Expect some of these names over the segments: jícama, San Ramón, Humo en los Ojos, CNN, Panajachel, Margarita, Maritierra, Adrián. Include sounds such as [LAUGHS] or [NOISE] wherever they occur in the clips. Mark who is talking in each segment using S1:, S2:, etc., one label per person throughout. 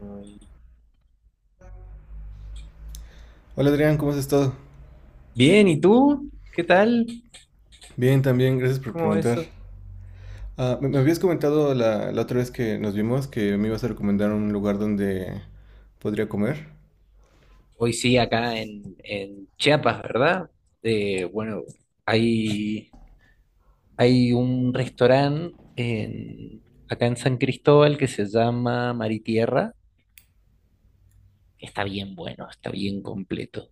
S1: Ay.
S2: Hola Adrián, ¿cómo has estado?
S1: Bien, ¿y tú? ¿Qué tal?
S2: Bien, también, gracias por
S1: ¿Cómo va
S2: preguntar.
S1: eso?
S2: Me habías comentado la otra vez que nos vimos que me ibas a recomendar un lugar donde podría comer.
S1: Hoy sí, acá en Chiapas, ¿verdad? Bueno, hay, hay un restaurante acá en San Cristóbal que se llama Maritierra, que está bien bueno, está bien completo,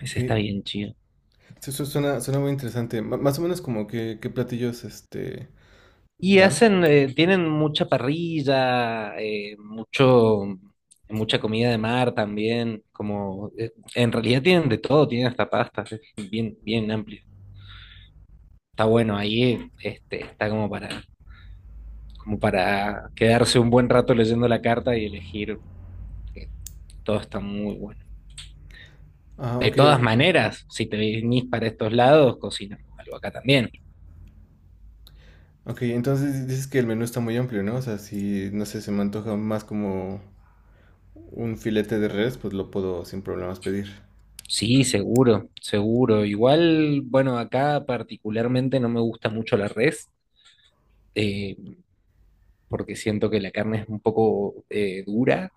S2: Ok,
S1: está bien chido.
S2: sí, suena, suena muy interesante. Más o menos como qué platillos
S1: Y
S2: dan.
S1: hacen, tienen mucha parrilla, mucha comida de mar también, como, en realidad tienen de todo, tienen hasta pastas, es bien, bien amplio. Está bueno, ahí este, está como para, como para quedarse un buen rato leyendo la carta y elegir, que todo está muy bueno.
S2: Ah,
S1: De
S2: ok, eh,
S1: todas maneras, si te venís para estos lados, cocinamos algo acá también.
S2: ok, entonces dices que el menú está muy amplio, ¿no? O sea, si, no sé, se me antoja más como un filete de res, pues lo puedo sin problemas pedir.
S1: Sí, seguro, seguro. Igual, bueno, acá particularmente no me gusta mucho la res, eh, porque siento que la carne es un poco dura,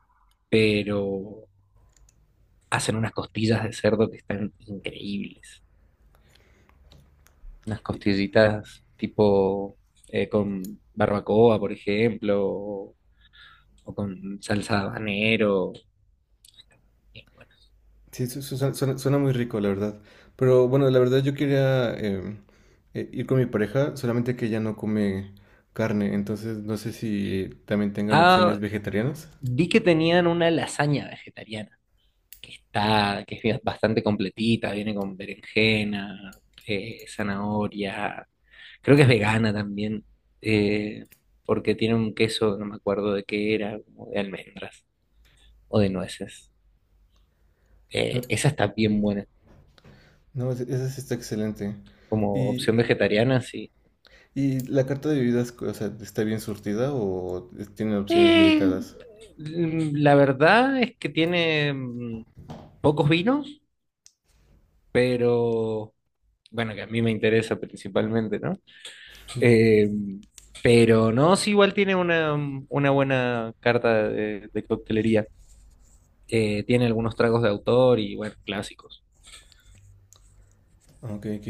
S1: pero hacen unas costillas de cerdo que están increíbles. Unas costillitas tipo con barbacoa, por ejemplo, o con salsa de habanero. Bien, bueno.
S2: Sí, suena, muy rico, la verdad. Pero bueno, la verdad yo quería ir con mi pareja, solamente que ella no come carne, entonces no sé si también tengan opciones
S1: Ah,
S2: vegetarianas.
S1: vi que tenían una lasaña vegetariana, que es bastante completita, viene con berenjena, zanahoria, creo que es vegana también, eh, porque tiene un queso, no me acuerdo de qué era, como de almendras o de nueces.
S2: No,
S1: Esa está bien buena,
S2: no, esa sí está excelente.
S1: como opción
S2: ¿Y,
S1: vegetariana, sí.
S2: y la carta de bebidas, o sea, ¿está bien surtida o tiene opciones
S1: Eh,
S2: limitadas?
S1: la verdad es que tiene pocos vinos, pero bueno, que a mí me interesa principalmente, ¿no? Eh, pero no, sí, igual tiene una, una buena carta de coctelería. Tiene algunos tragos de autor y, bueno, clásicos.
S2: Ok, ok.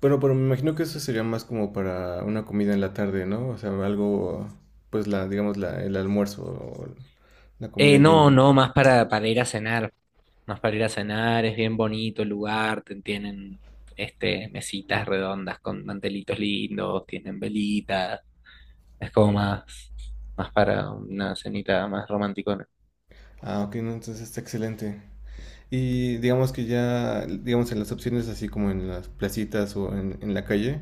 S2: Bueno, pero me imagino que eso sería más como para una comida en la tarde, ¿no? O sea, algo, pues el almuerzo o la comida
S1: No,
S2: llena.
S1: no, más para ir a cenar. Más para ir a cenar, es bien bonito el lugar, tienen este, mesitas redondas con mantelitos lindos, tienen velitas. Es como más, más para una cenita más romanticona.
S2: Ok, no, entonces está excelente. Y digamos que ya, digamos en las opciones, así como en las placitas o en la calle,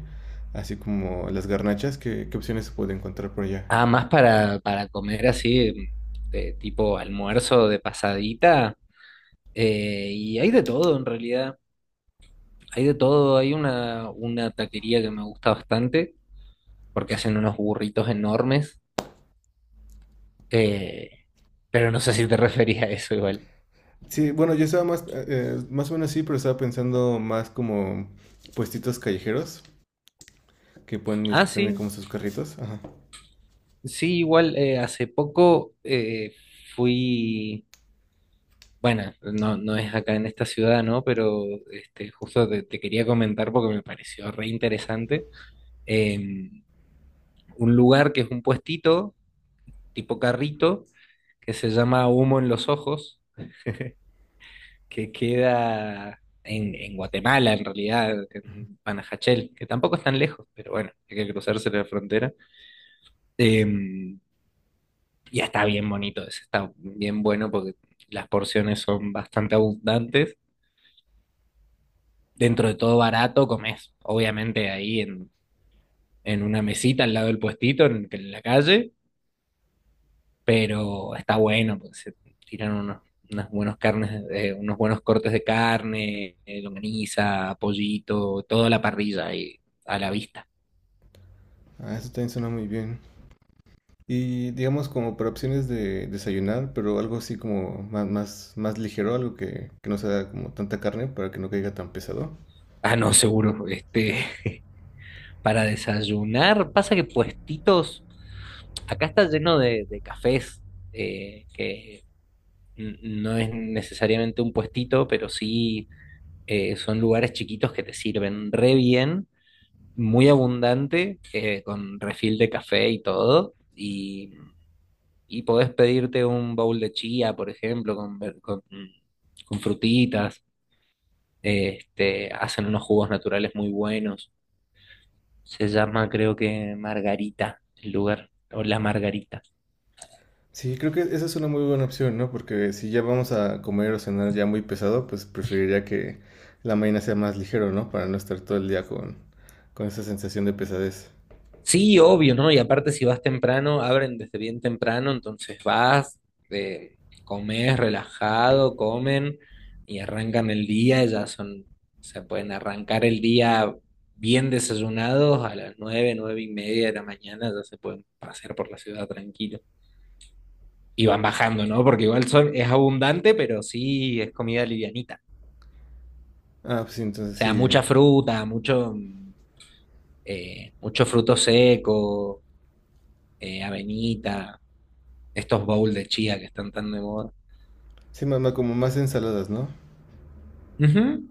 S2: así como las garnachas, ¿qué opciones se puede encontrar por allá?
S1: Ah, más para comer así, de tipo almuerzo de pasadita. Y hay de todo en realidad. Hay de todo. Hay una taquería que me gusta bastante porque hacen unos burritos enormes. Eh, pero no sé si te [LAUGHS] referís a eso igual.
S2: Sí, bueno, yo estaba más, más o menos sí, pero estaba pensando más como puestitos callejeros que pueden
S1: Ah,
S2: es- tener
S1: sí.
S2: como sus carritos. Ajá.
S1: Sí, igual hace poco fui. Bueno, no, no es acá en esta ciudad, ¿no? Pero este, justo te, te quería comentar porque me pareció re interesante. Eh, un lugar que es un puestito, tipo carrito, que se llama Humo en los Ojos, que queda en Guatemala, en realidad, en Panajachel, que tampoco es tan lejos, pero bueno, hay que cruzarse la frontera. Eh, ya está bien bonito, ese está bien bueno porque las porciones son bastante abundantes, dentro de todo barato, comes, obviamente ahí en una mesita al lado del puestito, en la calle, pero está bueno, porque se tiran unos, unas buenos carnes, unos buenos cortes de carne, longaniza, pollito, toda la parrilla ahí a la vista.
S2: Ah, eso también suena muy bien. Y digamos como para opciones de desayunar, pero algo así como más ligero, algo que no sea como tanta carne para que no caiga tan pesado.
S1: Ah, no, seguro, este, [LAUGHS] para desayunar, pasa que puestitos, acá está lleno de cafés, que no es necesariamente un puestito, pero sí son lugares chiquitos que te sirven re bien, muy abundante, con refil de café y todo. Y podés pedirte un bowl de chía, por ejemplo, con frutitas. Este, hacen unos jugos naturales muy buenos. Se llama, creo que Margarita, el lugar, o La Margarita.
S2: Sí, creo que esa es una muy buena opción, ¿no? Porque si ya vamos a comer o cenar ya muy pesado, pues preferiría que la mañana sea más ligero, ¿no? Para no estar todo el día con esa sensación de pesadez.
S1: Sí, obvio, ¿no? Y aparte si vas temprano, abren desde bien temprano, entonces vas, comes relajado, comen y arrancan el día, ya son, se pueden arrancar el día bien desayunados a las nueve, nueve y media de la mañana, ya se pueden pasear por la ciudad tranquilo. Y van bajando, ¿no? Porque igual son, es abundante, pero sí es comida livianita.
S2: Ah, pues sí,
S1: O
S2: entonces
S1: sea,
S2: sí.
S1: mucha fruta, mucho, mucho fruto seco, avenita. Estos bowls de chía que están tan de moda.
S2: Sí, más, como más ensaladas, ¿no?
S1: Ujú.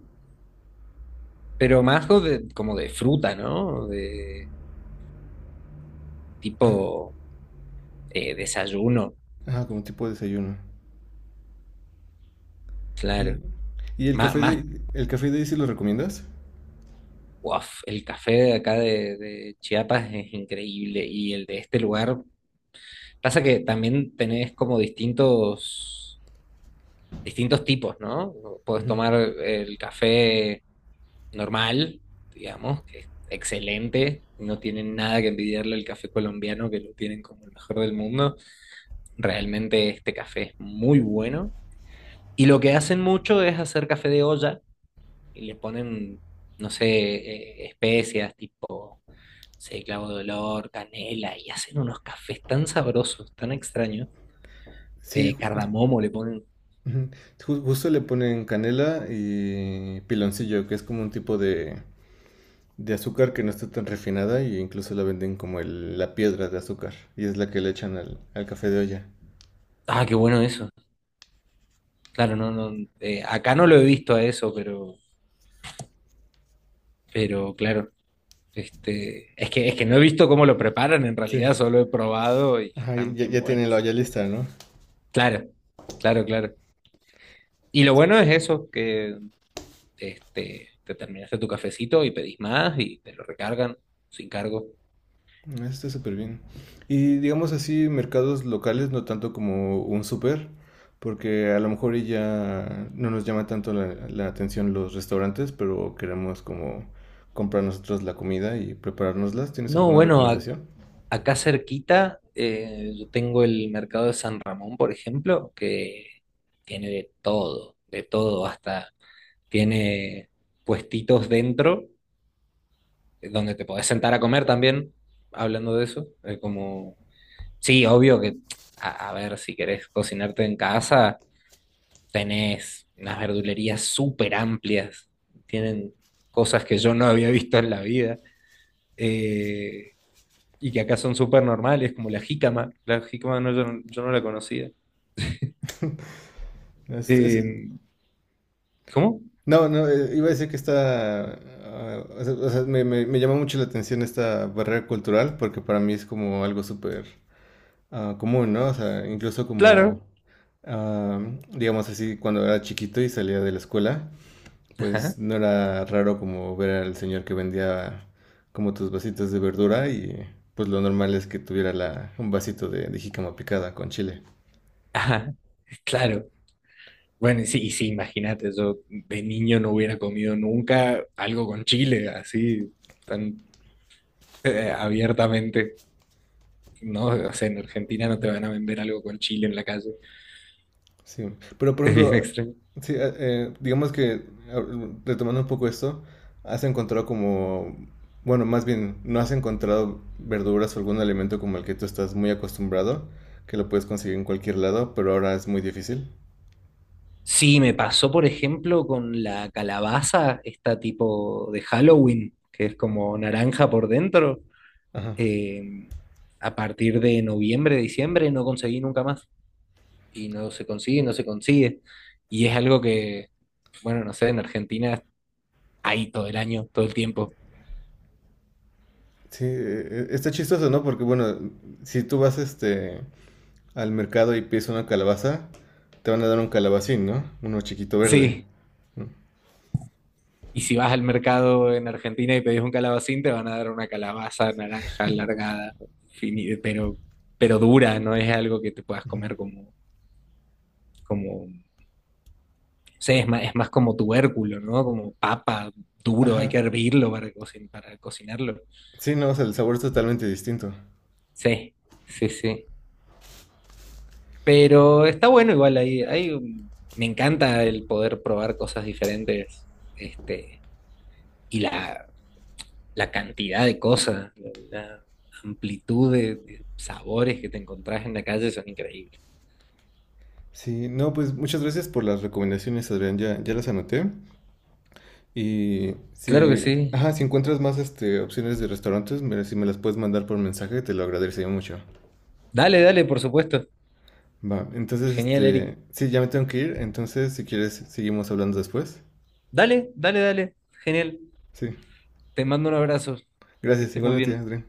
S1: Pero más como de fruta, ¿no? De tipo desayuno,
S2: Ah, como tipo de desayuno.
S1: claro.
S2: ¿Y, y el café
S1: Más,
S2: el café de ahí sí lo recomiendas?
S1: uaf, el café de acá de Chiapas es increíble y el de este lugar. Pasa que también tenés como distintos, distintos tipos, ¿no? Podés tomar el café normal, digamos, que es excelente. No tienen nada que envidiarle al café colombiano, que lo tienen como el mejor del mundo. Realmente este café es muy bueno. Y lo que hacen mucho es hacer café de olla y le ponen, no sé, especias tipo, no sé, clavo de olor, canela y hacen unos cafés tan sabrosos, tan extraños.
S2: Sí,
S1: Cardamomo le ponen.
S2: justo le ponen canela y piloncillo, que es como un tipo de azúcar que no está tan refinada, e incluso la venden como la piedra de azúcar, y es la que le echan al café de olla.
S1: Ah, qué bueno eso. Claro, no, no. Acá no lo he visto a eso, pero claro. Este, es que no he visto cómo lo preparan en
S2: Sí,
S1: realidad, solo he probado y
S2: ajá,
S1: están
S2: ya,
S1: bien
S2: ya tiene la
S1: buenos.
S2: olla lista, ¿no?
S1: Claro, claro, claro. Y lo bueno es eso, que este, te terminaste tu cafecito y pedís más y te lo recargan sin cargo.
S2: Eso está súper bien. Y digamos así, mercados locales, no tanto como un súper, porque a lo mejor y ya no nos llama tanto la atención los restaurantes, pero queremos como comprar nosotros la comida y preparárnoslas. ¿Tienes
S1: No,
S2: alguna
S1: bueno,
S2: recomendación?
S1: acá cerquita yo tengo el mercado de San Ramón, por ejemplo, que tiene de todo, hasta tiene puestitos dentro, donde te podés sentar a comer también, hablando de eso. Sí, obvio que, a ver, si querés cocinarte en casa. Tenés unas verdulerías súper amplias, tienen cosas que yo no había visto en la vida eh, y que acá son súper normales, como la jícama. La jícama no, yo, yo no la conocía.
S2: Es- es-
S1: Eh, ¿Cómo?
S2: No, no, iba a decir que está, ah, o sea, me llama mucho la atención esta barrera cultural, porque para mí es como algo súper común, ¿no? O sea, incluso como,
S1: Claro.
S2: ah, digamos así, cuando era chiquito y salía de la escuela, pues
S1: Ajá,
S2: no era raro como ver al señor que vendía como tus vasitos de verdura, y pues lo normal es que tuviera un vasito de jícama picada con chile.
S1: ajá, claro. Bueno, y sí, imagínate, yo de niño no hubiera comido nunca algo con chile, así, tan abiertamente. No, o sea, en Argentina no te van a vender algo con chile en la calle.
S2: Sí, pero por
S1: Es bien
S2: ejemplo,
S1: extraño.
S2: sí, digamos que retomando un poco esto, has encontrado como, bueno, más bien, no has encontrado verduras o algún alimento como el que tú estás muy acostumbrado, que lo puedes conseguir en cualquier lado, pero ahora es muy difícil.
S1: Sí, me pasó, por ejemplo, con la calabaza, esta tipo de Halloween, que es como naranja por dentro.
S2: Ajá.
S1: Eh, a partir de noviembre, diciembre, no conseguí nunca más. Y no se consigue, no se consigue. Y es algo que, bueno, no sé, en Argentina hay todo el año, todo el tiempo.
S2: Sí, está chistoso, ¿no? Porque bueno, si tú vas este al mercado y pides una calabaza, te van a dar un calabacín, ¿no? Uno chiquito verde.
S1: Sí. Y si vas al mercado en Argentina y pedís un calabacín, te van a dar una calabaza naranja alargada, fini- pero, pero dura, no es algo que te puedas comer como como. Sí, es más como tubérculo, ¿no? Como papa duro, hay
S2: Ajá.
S1: que hervirlo para, para cocinarlo.
S2: Sí, no, o sea, el sabor es totalmente distinto.
S1: Sí, sí, sí. Pero está bueno igual ahí. Ahí, me encanta el poder probar cosas diferentes, este, y la cantidad de cosas, la amplitud de sabores que te encontrás en la calle son increíbles.
S2: Sí, no, pues muchas gracias por las recomendaciones, Adrián, ya, ya las anoté. Y
S1: Claro que
S2: si,
S1: sí.
S2: ajá, si encuentras más este, opciones de restaurantes, si me las puedes mandar por mensaje, te lo agradecería mucho.
S1: Dale, dale, por supuesto.
S2: Va, entonces,
S1: Genial, Eric.
S2: este, sí, ya me tengo que ir, entonces si quieres, seguimos hablando después.
S1: Dale, dale, dale. Genial.
S2: Sí,
S1: Te mando un abrazo. Que
S2: gracias,
S1: estés muy
S2: igualmente,
S1: bien.
S2: Adrián.